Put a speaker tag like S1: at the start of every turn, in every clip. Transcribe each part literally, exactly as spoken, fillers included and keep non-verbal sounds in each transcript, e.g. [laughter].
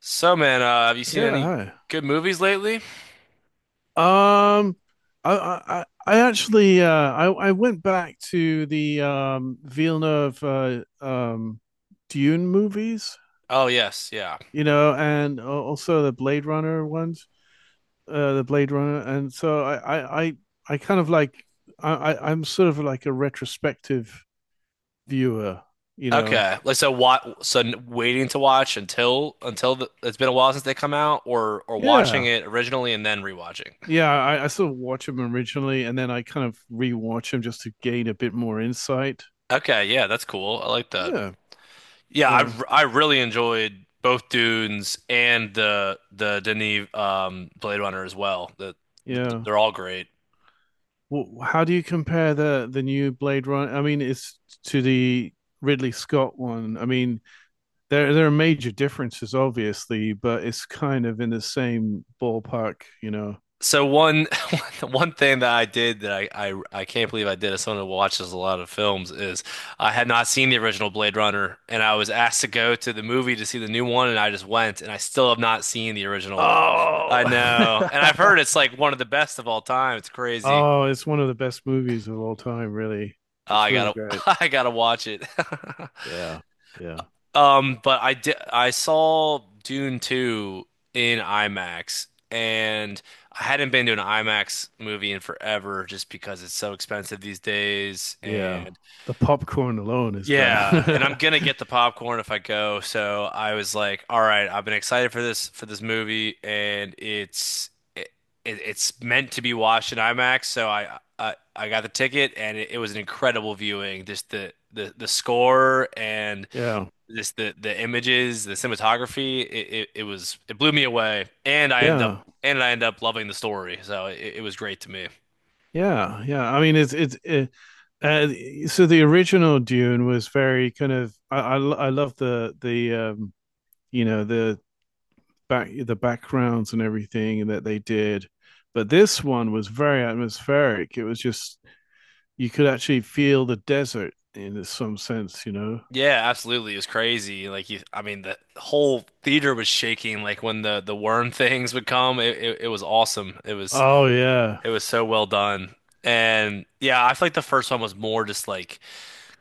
S1: So, man, uh, have you seen any
S2: Yeah,
S1: good movies lately?
S2: hi. Um, I I I I actually uh I I went back to the um Villeneuve uh, um Dune movies,
S1: Oh, yes, yeah.
S2: you know, and al- also the Blade Runner ones, uh the Blade Runner, and so I I I, I kind of like I I- I'm sort of like a retrospective viewer, you know.
S1: Okay, like so, what? So, n- waiting to watch until until the, it's been a while since they come out, or or watching
S2: Yeah.
S1: it originally and then rewatching.
S2: Yeah, I, I sort of watch them originally and then I kind of rewatch them just to gain a bit more insight.
S1: Okay, yeah, that's cool. I like that.
S2: Yeah.
S1: Yeah, I
S2: Uh,
S1: r- I really enjoyed both Dunes and the the Denis um Blade Runner as well. The, the
S2: yeah.
S1: they're all great.
S2: Well, how do you compare the the new Blade Runner? I mean, it's to the Ridley Scott one. I mean, there there are major differences, obviously, but it's kind of in the same ballpark, you know.
S1: So one [laughs] one thing that I did that I, I I can't believe I did as someone who watches a lot of films is I had not seen the original Blade Runner, and I was asked to go to the movie to see the new one, and I just went, and I still have not seen the original. [laughs] I
S2: Oh,
S1: know. And I've heard it's like one of the best of all time. It's
S2: [laughs]
S1: crazy.
S2: oh, it's one of the best movies of all time. Really,
S1: Oh,
S2: it's
S1: I
S2: really
S1: gotta
S2: great.
S1: [laughs] I gotta watch it. [laughs]
S2: Yeah. Yeah.
S1: Um, but I did I saw Dune two in IMAX, and I hadn't been to an IMAX movie in forever just because it's so expensive these days.
S2: Yeah.
S1: And
S2: The popcorn alone is
S1: yeah, and I'm
S2: bad.
S1: gonna get
S2: [laughs]
S1: the popcorn if I go, so I was like, all right, I've been excited for this for this movie, and it's it, it- it's meant to be watched in IMAX, so I I, I got the ticket, and it, it was an incredible viewing. Just the the the score and
S2: Yeah.
S1: just the the images, the cinematography, it, it, it was it blew me away. And I ended up
S2: Yeah.
S1: and I ended up loving the story, so it, it was great to me.
S2: Yeah. Yeah. I mean, it's it's it, uh, so the original Dune was very kind of I I, lo- I love the the um you know the back the backgrounds and everything and that they did. But this one was very atmospheric. It was just you could actually feel the desert in some sense, you know.
S1: Yeah, absolutely, it was crazy. Like you, I mean, the whole theater was shaking. Like when the the worm [laughs] things would come, it, it it was awesome. It was
S2: Oh yeah,
S1: it was so well done. And yeah, I feel like the first one was more just like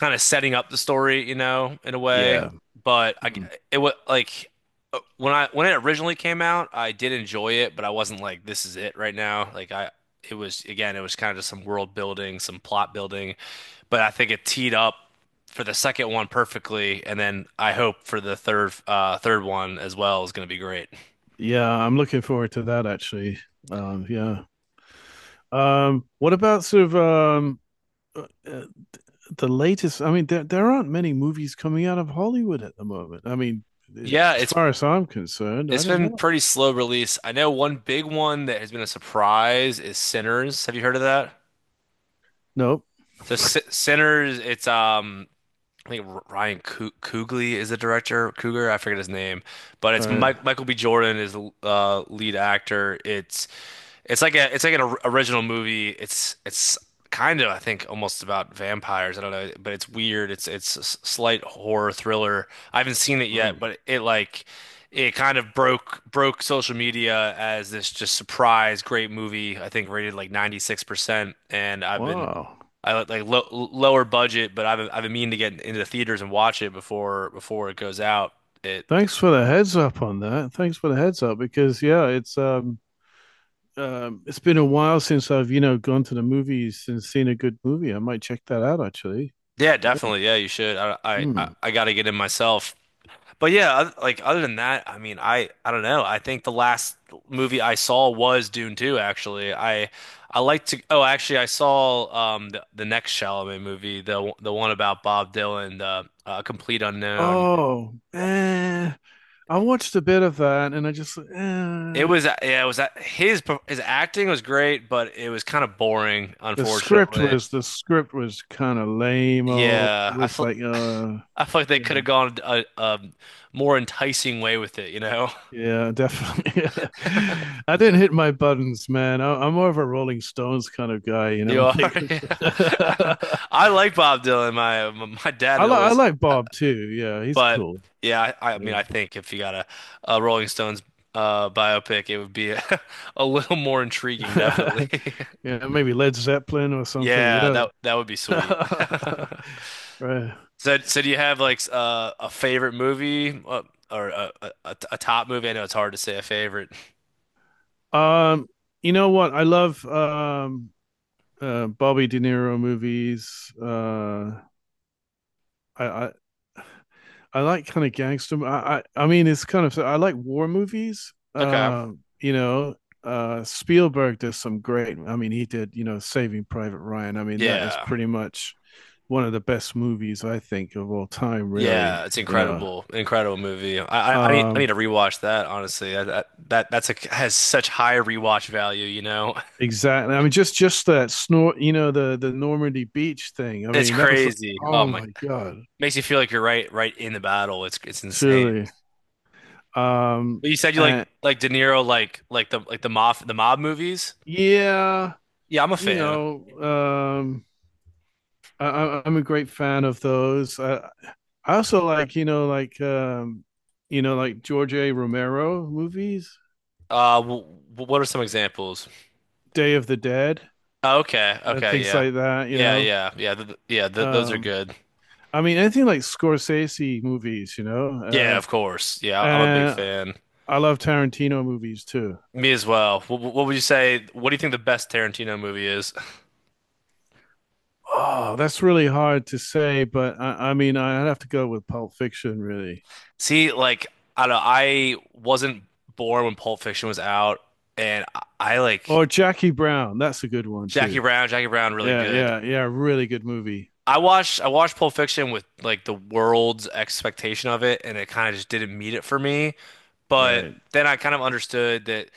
S1: kind of setting up the story, you know, in a way.
S2: yeah,
S1: But I, it was like uh, when I when it originally came out, I did enjoy it, but I wasn't like this is it right now. Like I, it was again, it was kind of just some world building, some plot building. But I think it teed up for the second one perfectly, and then I hope for the third uh third one as well is going to be great.
S2: yeah. I'm looking forward to that actually. Um, yeah. Um, what about sort of um, uh, uh, the latest? I mean, there there aren't many movies coming out of Hollywood at the moment. I mean, eh,
S1: Yeah,
S2: as
S1: it's
S2: far as I'm concerned, I
S1: it's
S2: don't
S1: been
S2: know.
S1: pretty slow release. I know one big one that has been a surprise is Sinners. Have you heard of that?
S2: Nope.
S1: So
S2: [laughs] All
S1: S Sinners, it's um I think R- Ryan Coo- Coogler is the director. Cougar, I forget his name, but it's
S2: right.
S1: Mike Michael B. Jordan is the uh, lead actor. It's it's like a it's like an or- original movie. It's it's kind of I think almost about vampires. I don't know, but it's weird. It's it's a s- slight horror thriller. I haven't seen it
S2: Oh,
S1: yet, but it like it kind of broke broke social media as this just surprise great movie. I think rated like ninety-six percent, and I've been
S2: wow.
S1: I like like low, lower budget, but I've been- I've been meaning to get into the theaters and watch it before before it goes out. It
S2: Thanks for the heads up on that. Thanks for the heads up because yeah, it's um, um it's been a while since I've you know gone to the movies and seen a good movie. I might check that out actually.
S1: yeah,
S2: Yeah.
S1: definitely. Yeah, you should. I I I,
S2: Hmm.
S1: I got to get in myself. But yeah, oth- like other than that, I mean, I I don't know. I think the last movie I saw was Dune two actually. I I like to oh, actually I saw um the, the next Chalamet movie, the the one about Bob Dylan, the uh, Complete Unknown.
S2: Oh, eh. I watched a bit of that and I just
S1: It
S2: eh.
S1: was Yeah, it was uh, his his acting was great, but it was kind of boring,
S2: the script
S1: unfortunately.
S2: was the script was kind of lame. Oh,
S1: Yeah,
S2: it
S1: I
S2: was
S1: feel
S2: like uh
S1: [sighs] I feel like they
S2: yeah,
S1: could have gone a, a more enticing way with it, you know? [laughs]
S2: yeah, definitely. [laughs] I didn't hit my buttons, man. I, I'm more of a Rolling Stones kind of guy, you know. [laughs]
S1: You
S2: when
S1: are,
S2: it
S1: [laughs]
S2: comes
S1: yeah. [laughs]
S2: [laughs]
S1: I like Bob Dylan. My my dad
S2: I
S1: had
S2: like I
S1: always,
S2: like
S1: uh,
S2: Bob too. Yeah, he's
S1: but
S2: cool.
S1: yeah, I, I mean,
S2: Yeah,
S1: I think if you got a, a Rolling Stones uh, biopic, it would be a, [laughs] a little more intriguing, definitely.
S2: [laughs]
S1: [laughs]
S2: yeah, maybe Led Zeppelin or something. You
S1: Yeah,
S2: know,
S1: that that would be sweet. [laughs]
S2: [laughs] right?
S1: So, so do you have like s- uh, a favorite movie uh, or a, a, a a top movie? I know it's hard to say a favorite.
S2: Um, you know what? I love um uh Bobby De Niro movies. Uh, I I I like kind of gangster. I, I I mean, it's kind of I like war movies.
S1: Okay.
S2: Uh, you know, uh, Spielberg does some great. I mean, he did you know Saving Private Ryan. I mean, that is
S1: Yeah.
S2: pretty much one of the best movies I think of all time. Really,
S1: Yeah, it's
S2: you know.
S1: incredible. Incredible movie. I I, I need I need to
S2: Um,
S1: rewatch that, honestly. That that, that that's a has such high rewatch value, you know. [laughs]
S2: exactly. I mean, just just that snort. You know, the the Normandy beach thing. I
S1: It's
S2: mean, that was like,
S1: crazy. Oh
S2: oh
S1: my.
S2: my god,
S1: Makes you feel like you're right right in the battle. It's it's insane.
S2: truly. Um,
S1: But you said you like
S2: and
S1: like De Niro like like the like the mob the mob movies?
S2: yeah,
S1: Yeah, I'm a
S2: you
S1: fan.
S2: know, um I, I'm a great fan of those. I, I also like, you know, like, um, you know, like George A. Romero movies,
S1: Uh w What are some examples?
S2: Day of the Dead,
S1: Oh, okay.
S2: and
S1: Okay,
S2: things
S1: yeah.
S2: like that. You
S1: Yeah,
S2: know,
S1: yeah. Yeah, th yeah, th those are
S2: um,
S1: good.
S2: I mean, anything like Scorsese movies. You
S1: Yeah,
S2: know,
S1: of course. Yeah,
S2: uh,
S1: I'm a big
S2: and
S1: fan.
S2: I love Tarantino movies too.
S1: Me as well. What, what would you say? What do you think the best Tarantino movie is?
S2: Oh, that's really hard to say, but I, I mean, I'd have to go with Pulp Fiction, really,
S1: [laughs] See, like I don't know, I wasn't born when Pulp Fiction was out, and I, I like
S2: or Jackie Brown. That's a good one
S1: Jackie
S2: too.
S1: Brown. Jackie Brown really
S2: Yeah,
S1: good.
S2: yeah, yeah. Really good movie.
S1: I watched I watched Pulp Fiction with like the world's expectation of it, and it kind of just didn't meet it for me. But
S2: Right.
S1: then I kind of understood that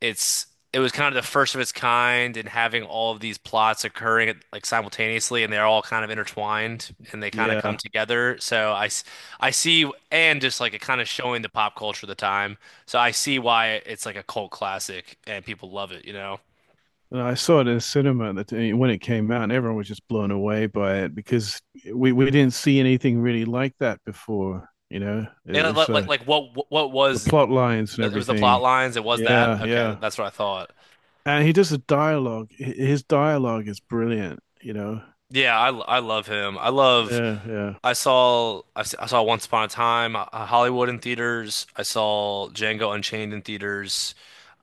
S1: it's it was kind of the first of its kind and having all of these plots occurring at, like simultaneously, and they're all kind of intertwined, and they kind of come
S2: Yeah.
S1: together. So I, s- I see, and just like it kind of showing the pop culture of the time. So I see why it's like a cult classic and people love it, you know.
S2: And I saw it in the cinema that uh, when it came out, and everyone was just blown away by it because we, we didn't see anything really like that before. You know, it
S1: And
S2: was
S1: like like,
S2: uh,
S1: like what what
S2: the
S1: was
S2: plot lines and
S1: it was the plot
S2: everything.
S1: lines, it was that.
S2: Yeah,
S1: Okay,
S2: yeah.
S1: that's what I thought.
S2: And he does the dialogue. His dialogue is brilliant. You know.
S1: Yeah, I, I love him. I love.
S2: Yeah, yeah,
S1: I saw I, s- I saw Once Upon a Time, uh, Hollywood in theaters. I saw Django Unchained in theaters.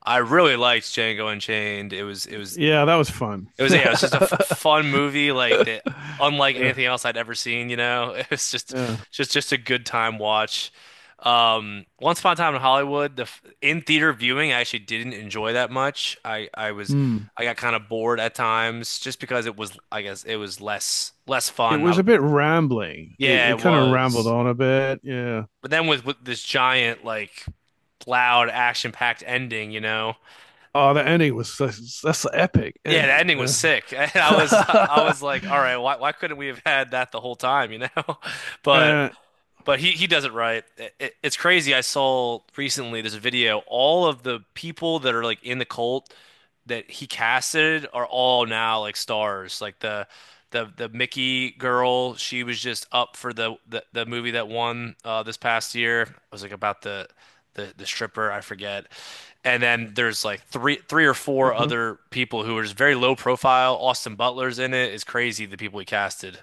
S1: I really liked Django Unchained. It was it was
S2: yeah. That was fun.
S1: it was yeah, it was just a f
S2: [laughs]
S1: fun movie like that, unlike
S2: Yeah,
S1: anything else I'd ever seen. You know, [laughs] it was just
S2: yeah.
S1: just just a good time watch. Um, Once Upon a Time in Hollywood, the f- in theater viewing, I actually didn't enjoy that much. I I was
S2: Hmm.
S1: I got kind of bored at times just because it was I guess it was less less
S2: It
S1: fun.
S2: was a
S1: Not
S2: bit rambling. It
S1: yeah,
S2: it
S1: it
S2: kind of rambled
S1: was.
S2: on a bit. Yeah.
S1: But then with with this giant like loud action packed ending, you know.
S2: Oh, the ending was such, that's an epic
S1: Yeah, the
S2: ending,
S1: ending was
S2: man.
S1: sick. [laughs] And
S2: [laughs]
S1: I was I
S2: uh,
S1: was like, all right, why why couldn't we have had that the whole time, you know? [laughs] But but he he does it right. It, it- it's crazy. I saw recently this video. All of the people that are like in the cult that he casted are all now like stars. Like the the the Mickey girl, she was just up for the the, the movie that won uh, this past year. It was like about the the the stripper, I forget. And then there's like three three or four
S2: Uh-huh.
S1: other people who are just very low profile. Austin Butler's in it. It's crazy the people he casted.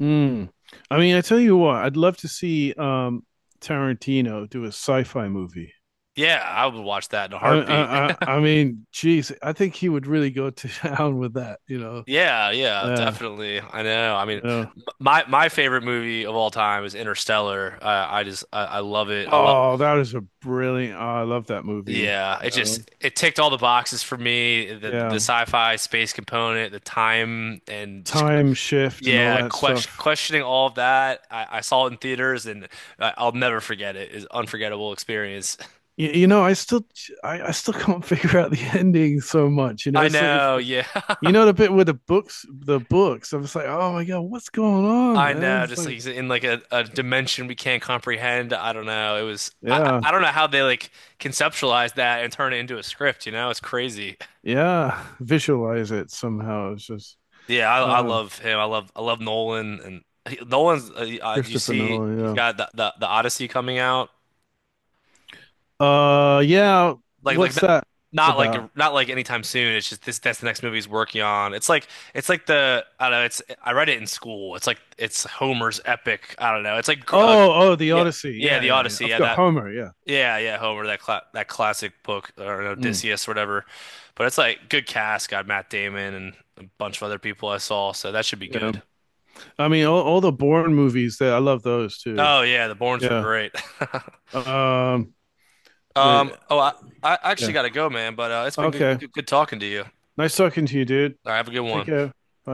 S2: Mm. I mean, I tell you what, I'd love to see um Tarantino do a sci-fi movie.
S1: Yeah, I would watch that in a
S2: I
S1: heartbeat.
S2: I I, I mean, geez, I think he would really go to [laughs] town with that, you know.
S1: Yeah, yeah,
S2: Uh,
S1: definitely. I know. I
S2: you
S1: mean,
S2: know.
S1: m- my my favorite movie of all time is Interstellar. I I just I, I love it. I love.
S2: Oh, that is a brilliant. Oh, I love that movie,
S1: Yeah,
S2: you
S1: it
S2: know.
S1: just it ticked all the boxes for me. The the
S2: Yeah.
S1: sci-fi space component, the time, and just,
S2: Time shift and all
S1: yeah,
S2: that
S1: question,
S2: stuff.
S1: questioning all of that. I, I saw it in theaters, and I, I'll never forget it. It's an unforgettable experience.
S2: You, you know, I still I, I still [laughs] can't figure out the [laughs] ending so much, you know.
S1: I
S2: It's like if
S1: know. Yeah. [laughs]
S2: you know the bit with the books, the books. I was like, oh my god, what's going on,
S1: I
S2: man?
S1: know,
S2: It's
S1: just like
S2: like,
S1: he's in like a, a dimension we can't comprehend. I don't know. It was I
S2: yeah,
S1: I I don't know how they like conceptualize that and turn it into a script, you know? It's crazy.
S2: yeah. [laughs] Visualize it somehow. It's just
S1: Yeah, I I
S2: um,
S1: love him. I love I love Nolan, and he, Nolan's uh, uh, you
S2: Christopher
S1: see he's
S2: Nolan.
S1: got the, the the Odyssey coming out.
S2: Yeah. Uh, yeah.
S1: Like like
S2: What's
S1: not,
S2: that
S1: Not like
S2: about?
S1: not like anytime soon. It's just this that's the next movie he's working on. It's like it's like the I don't know, it's I read it in school. It's like it's Homer's epic. I don't know. It's like uh,
S2: Oh, oh, the
S1: yeah,
S2: Odyssey.
S1: yeah,
S2: Yeah,
S1: the
S2: yeah, yeah.
S1: Odyssey.
S2: I've
S1: Yeah,
S2: got
S1: that
S2: Homer. Yeah.
S1: Yeah, yeah, Homer, that cla that classic book or
S2: Mm,
S1: Odysseus, whatever. But it's like good cast, got Matt Damon and a bunch of other people I saw, so that should be
S2: yeah.
S1: good.
S2: I mean, all, all the Bourne movies. There, I love those too.
S1: Oh yeah, the Bournes were
S2: Yeah.
S1: great. [laughs]
S2: Um.
S1: Um,
S2: the-
S1: oh I, I actually
S2: yeah.
S1: gotta go, man, but uh, it's been good,
S2: Okay.
S1: good good talking to you. All
S2: Nice talking to you, dude.
S1: right, have a good
S2: Take
S1: one.
S2: care.